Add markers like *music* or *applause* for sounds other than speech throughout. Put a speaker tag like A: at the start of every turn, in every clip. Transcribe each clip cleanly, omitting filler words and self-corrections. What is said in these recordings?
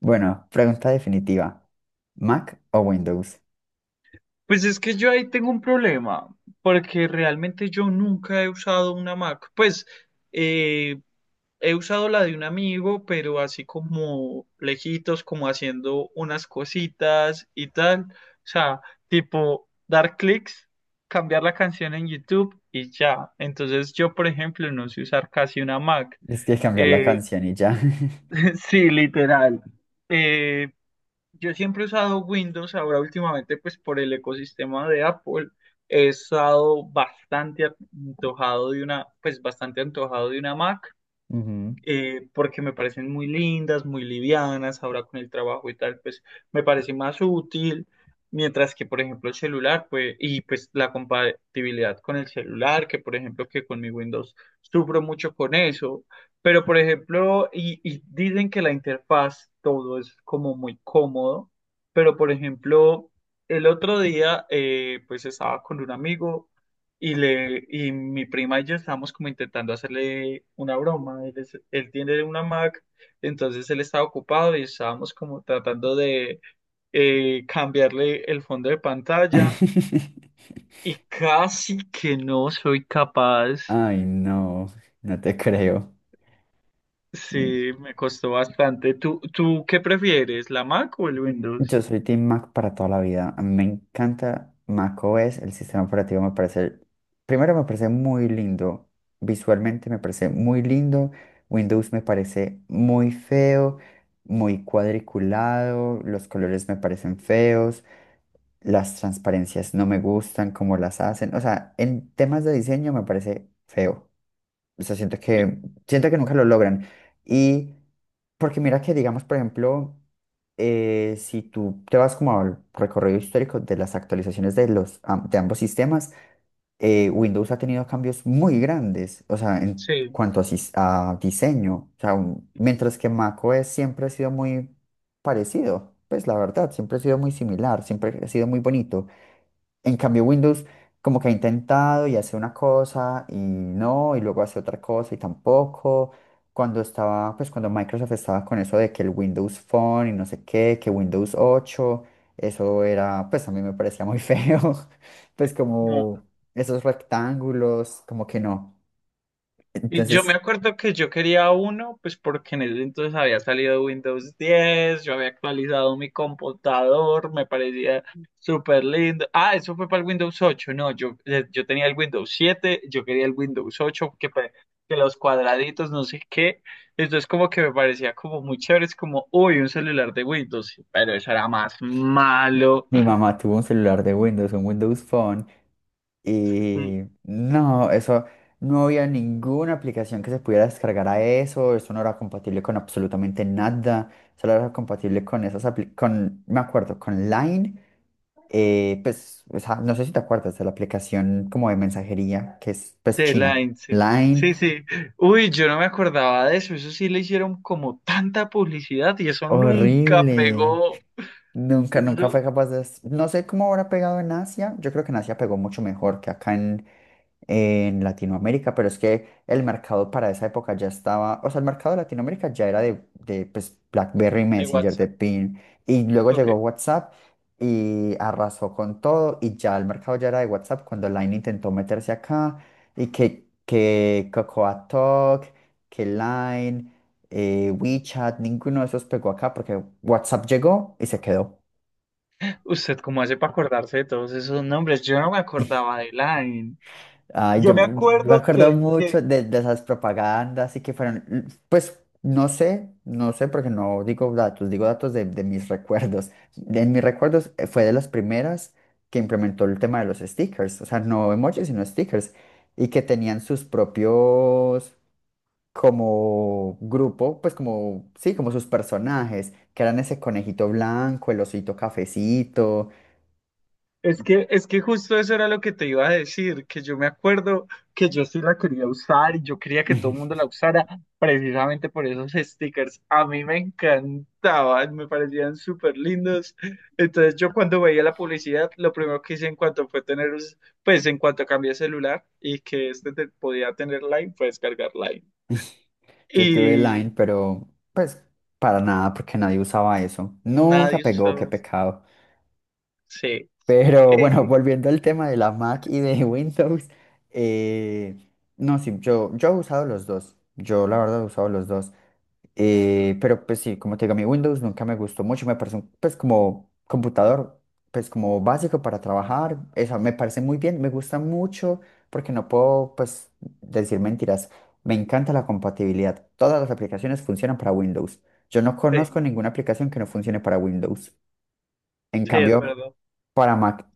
A: Bueno, pregunta definitiva. ¿Mac o Windows?
B: Pues es que yo ahí tengo un problema, porque realmente yo nunca he usado una Mac. Pues eh, he usado la de un amigo, pero así como lejitos, como haciendo unas cositas y tal. O sea, tipo dar clics, cambiar la canción en YouTube y ya. Entonces yo, por ejemplo, no sé usar casi una Mac.
A: Es que cambiar la
B: Eh,
A: canción y ya. *laughs*
B: *laughs* sí, literal. Eh, yo siempre he usado Windows, ahora últimamente pues por el ecosistema de Apple he estado bastante antojado de una, pues bastante antojado de una Mac,
A: Ujú.
B: porque me parecen muy lindas, muy livianas, ahora con el trabajo y tal, pues me parece más útil, mientras que, por ejemplo, el celular, pues, y pues la compatibilidad con el celular, que por ejemplo, que con mi Windows sufro mucho con eso, pero por ejemplo, y dicen que la interfaz, todo es como muy cómodo, pero por ejemplo, el otro día, pues estaba con un amigo, y mi prima y yo estábamos como intentando hacerle una broma. Él, él tiene una Mac, entonces él estaba ocupado y estábamos como tratando de cambiarle el fondo de pantalla.
A: *laughs*
B: Y casi que no soy capaz.
A: Ay, no, no te creo. Mm.
B: Sí, me costó bastante. ¿Tú qué prefieres, la Mac o el
A: Yo
B: Windows?
A: soy Team Mac para toda la vida. A mí me encanta Mac macOS, el sistema operativo me parece, primero me parece muy lindo, visualmente me parece muy lindo. Windows me parece muy feo, muy cuadriculado, los colores me parecen feos. Las transparencias no me gustan como las hacen. O sea, en temas de diseño me parece feo. O sea, siento que nunca lo logran. Y porque mira que, digamos, por ejemplo, si tú te vas como al recorrido histórico de las actualizaciones de de ambos sistemas, Windows ha tenido cambios muy grandes. O sea, en
B: Sí.
A: cuanto a diseño. O sea, mientras que macOS siempre ha sido muy parecido. Pues la verdad, siempre ha sido muy similar, siempre ha sido muy bonito. En cambio, Windows como que ha intentado y hace una cosa y no, y luego hace otra cosa y tampoco. Cuando Microsoft estaba con eso de que el Windows Phone y no sé qué, que Windows 8 eso era, pues a mí me parecía muy *laughs* feo, pues como esos rectángulos, como que no.
B: Yo me
A: Entonces,
B: acuerdo que yo quería uno, pues porque en ese entonces había salido Windows 10, yo había actualizado mi computador, me parecía súper lindo. Ah, eso fue para el Windows 8, no, yo, yo tenía el Windows 7, yo quería el Windows 8, que, que los cuadraditos, no sé qué. Entonces como que me parecía como muy chévere, es como, uy, un celular de Windows, pero eso era más malo.
A: mi mamá tuvo un celular de Windows, un Windows Phone. Y no, eso no había ninguna aplicación que se pudiera descargar a eso, eso no era compatible con absolutamente nada, solo era compatible con esas con, me acuerdo, con Line, pues, o sea, no sé si te acuerdas de la aplicación como de mensajería que es pues
B: The
A: China.
B: Line, sí.
A: Line,
B: Sí, sí. Uy, yo no me acordaba de eso. Eso sí le hicieron como tanta publicidad y eso nunca
A: horrible.
B: pegó.
A: Nunca, nunca fue
B: Eso
A: capaz de... No sé cómo habrá pegado en Asia. Yo creo que en Asia pegó mucho mejor que acá en Latinoamérica, pero es que el mercado para esa época ya estaba... O sea, el mercado de Latinoamérica ya era de pues, BlackBerry,
B: de
A: Messenger, de
B: WhatsApp.
A: PIN. Y luego
B: Ok.
A: llegó WhatsApp y arrasó con todo. Y ya el mercado ya era de WhatsApp cuando Line intentó meterse acá. Y que Cocoa Talk, que Line, WeChat, ninguno de esos pegó acá porque WhatsApp llegó y se quedó.
B: ¿Usted cómo hace para acordarse de todos esos nombres? Yo no me acordaba de Line.
A: Ay, yo,
B: Yo me
A: yo me
B: acuerdo
A: acuerdo
B: que,
A: mucho
B: que
A: de esas propagandas y que fueron, pues no sé, no sé porque no digo datos, digo datos de mis recuerdos. En mis recuerdos fue de las primeras que implementó el tema de los stickers, o sea, no emojis, sino stickers, y que tenían sus propios como grupo, pues como, sí, como sus personajes, que eran ese conejito blanco, el osito cafecito.
B: es que, es que justo eso era lo que te iba a decir, que yo me acuerdo que yo sí la quería usar y yo quería que todo el
A: *laughs*
B: mundo la usara precisamente por esos stickers. A mí me encantaban, me parecían súper lindos. Entonces yo cuando veía la publicidad, lo primero que hice en cuanto fue tener, pues en cuanto cambié de celular y que este podía tener Line, fue descargar Line.
A: Yo tuve
B: Y
A: Line, pero pues para nada, porque nadie usaba eso. Nunca
B: nadie
A: pegó,
B: usaba.
A: qué pecado.
B: Sí,
A: Pero bueno, *laughs*
B: eh,
A: volviendo al tema de la Mac y de *laughs* Windows, eh, no, sí, yo, he usado los dos. Yo la verdad he usado los dos. Pero pues sí, como te digo, mi Windows nunca me gustó mucho. Me parece un, pues como computador, pues como básico para trabajar. Eso me parece muy bien, me gusta mucho porque no puedo pues decir mentiras. Me encanta la compatibilidad. Todas las aplicaciones funcionan para Windows. Yo no
B: sí,
A: conozco ninguna aplicación que no funcione para Windows. En
B: sí, es
A: cambio,
B: verdad.
A: para Mac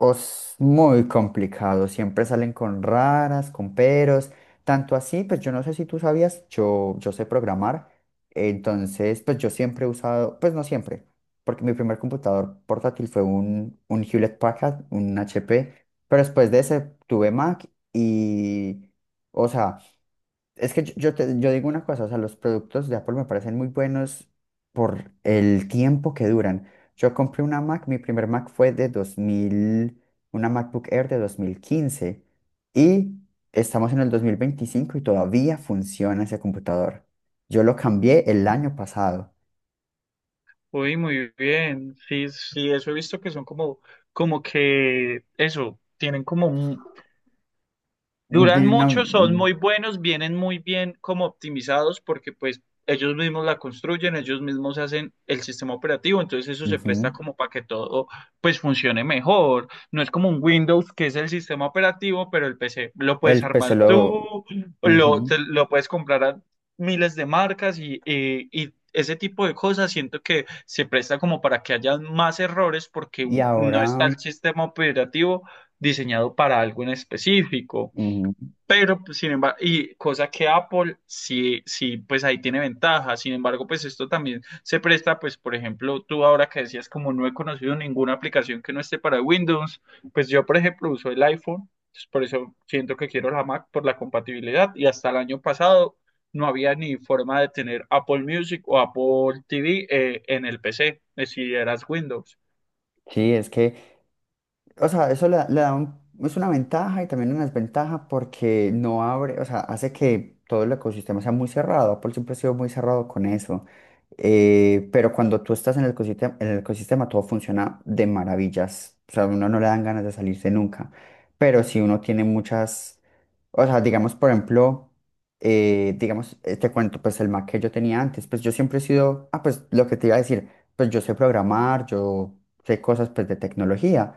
A: es muy complicado, siempre salen con raras, con peros, tanto así, pues yo no sé si tú sabías, yo sé programar, entonces pues yo siempre he usado, pues no siempre, porque mi primer computador portátil fue un Hewlett Packard, un HP, pero después de ese tuve Mac y, o sea, es que yo, yo digo una cosa, o sea, los productos de Apple me parecen muy buenos por el tiempo que duran. Yo compré una Mac, mi primer Mac fue de 2000 una MacBook Air de 2015 y estamos en el 2025 y todavía funciona ese computador. Yo lo cambié el año pasado.
B: Uy, muy bien. Sí, sí, eso he visto que son como, como que eso, tienen como un. Duran
A: Tiene una...
B: mucho, son
A: Mm.
B: muy buenos, vienen muy bien como optimizados porque pues ellos mismos la construyen, ellos mismos hacen el sistema operativo, entonces eso se
A: Ujú.
B: presta como para que todo pues funcione mejor. No es como un Windows que es el sistema operativo, pero el PC lo puedes
A: El PC
B: armar
A: lo...
B: tú,
A: Ujú.
B: lo puedes comprar a miles de marcas y, y ese tipo de cosas siento que se presta como para que haya más errores porque
A: Y
B: no está
A: ahora...
B: el sistema operativo diseñado para algo en específico.
A: Ujú.
B: Pero, pues, sin embargo, y cosa que Apple sí, sí, pues ahí tiene ventaja. Sin embargo, pues esto también se presta, pues, por ejemplo, tú ahora que decías, como no he conocido ninguna aplicación que no esté para Windows, pues yo, por ejemplo, uso el iPhone, pues, por eso siento que quiero la Mac por la compatibilidad. Y hasta el año pasado no había ni forma de tener Apple Music o Apple TV, en el PC, si eras Windows.
A: Sí, es que... O sea, eso le da es una ventaja y también una desventaja porque no abre, o sea, hace que todo el ecosistema sea muy cerrado. Apple siempre ha sido muy cerrado con eso. Pero cuando tú estás en el ecosistema todo funciona de maravillas. O sea, a uno no le dan ganas de salirse nunca. Pero si uno tiene muchas, o sea, digamos, por ejemplo, digamos, te cuento, pues el Mac que yo tenía antes, pues yo siempre he sido, pues lo que te iba a decir, pues yo sé programar, yo sé cosas, pues, de tecnología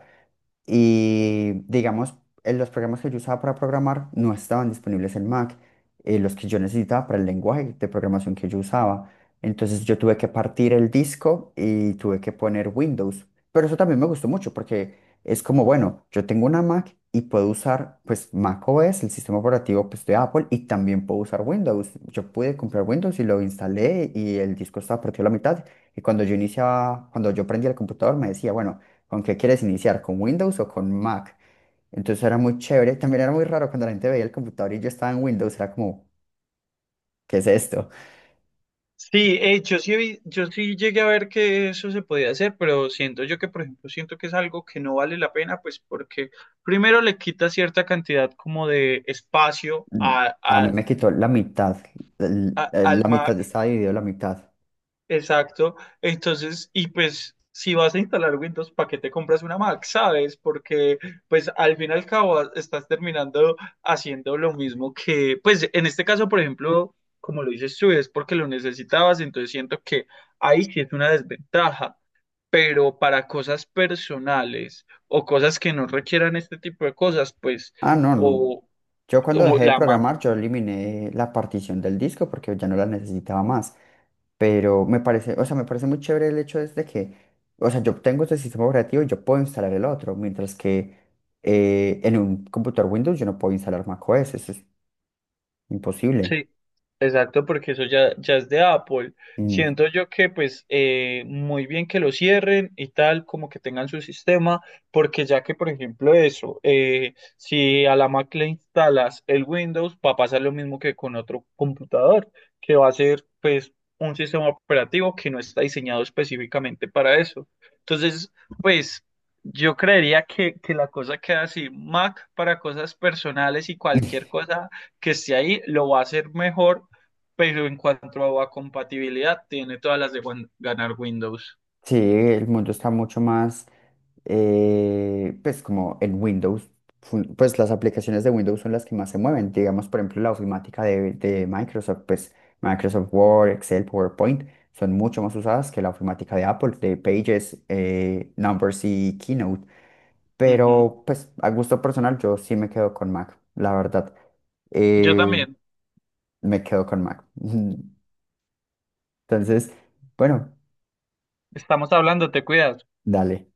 A: y digamos, los programas que yo usaba para programar no estaban disponibles en Mac, los que yo necesitaba para el lenguaje de programación que yo usaba. Entonces yo tuve que partir el disco y tuve que poner Windows. Pero eso también me gustó mucho porque es como, bueno, yo tengo una Mac y puedo usar pues Mac OS, el sistema operativo pues, de Apple, y también puedo usar Windows. Yo pude comprar Windows y lo instalé y el disco estaba partido a la mitad. Y cuando yo iniciaba, cuando yo prendía el computador me decía, bueno, ¿con qué quieres iniciar? ¿Con Windows o con Mac? Entonces era muy chévere. También era muy raro cuando la gente veía el computador y yo estaba en Windows. Era como, ¿qué es esto?
B: Sí, yo sí, yo sí llegué a ver que eso se podía hacer, pero siento yo que, por ejemplo, siento que es algo que no vale la pena, pues porque primero le quita cierta cantidad como de espacio
A: Mm. A mí me quitó la mitad.
B: al
A: La mitad
B: Mac.
A: estaba dividido la mitad.
B: Exacto. Entonces, y pues si vas a instalar Windows, ¿para qué te compras una Mac? ¿Sabes? Porque pues al fin y al cabo estás terminando haciendo lo mismo que, pues en este caso, por ejemplo, como lo dices tú, es porque lo necesitabas, entonces siento que ahí sí es una desventaja, pero para cosas personales o cosas que no requieran este tipo de cosas, pues
A: Ah, no, no.
B: o,
A: Yo cuando
B: o
A: dejé de
B: la Mac.
A: programar, yo eliminé la partición del disco porque ya no la necesitaba más. Pero me parece, o sea, me parece muy chévere el hecho es de que, o sea, yo tengo este sistema operativo y yo puedo instalar el otro, mientras que en un computador Windows yo no puedo instalar macOS, eso es imposible.
B: Sí, exacto, porque eso ya, ya es de Apple.
A: Mm.
B: Siento yo que pues muy bien que lo cierren y tal, como que tengan su sistema, porque ya que por ejemplo eso, si a la Mac le instalas el Windows, va a pasar lo mismo que con otro computador, que va a ser pues un sistema operativo que no está diseñado específicamente para eso. Entonces, pues... Yo creería que la cosa queda así, Mac para cosas personales y cualquier
A: *laughs*
B: cosa que esté ahí, lo va a hacer mejor, pero en cuanto a compatibilidad, tiene todas las de ganar Windows.
A: Sí, el mundo está mucho más, pues como en Windows, pues las aplicaciones de Windows son las que más se mueven. Digamos, por ejemplo, la ofimática de Microsoft, pues Microsoft Word, Excel, PowerPoint, son mucho más usadas que la ofimática de Apple, de Pages, Numbers y Keynote.
B: Ujú.
A: Pero pues a gusto personal yo sí me quedo con Mac, la verdad.
B: Yo
A: Eh,
B: también.
A: me quedo con Mac. *laughs* Entonces, bueno,
B: Estamos hablando, te cuidas.
A: dale.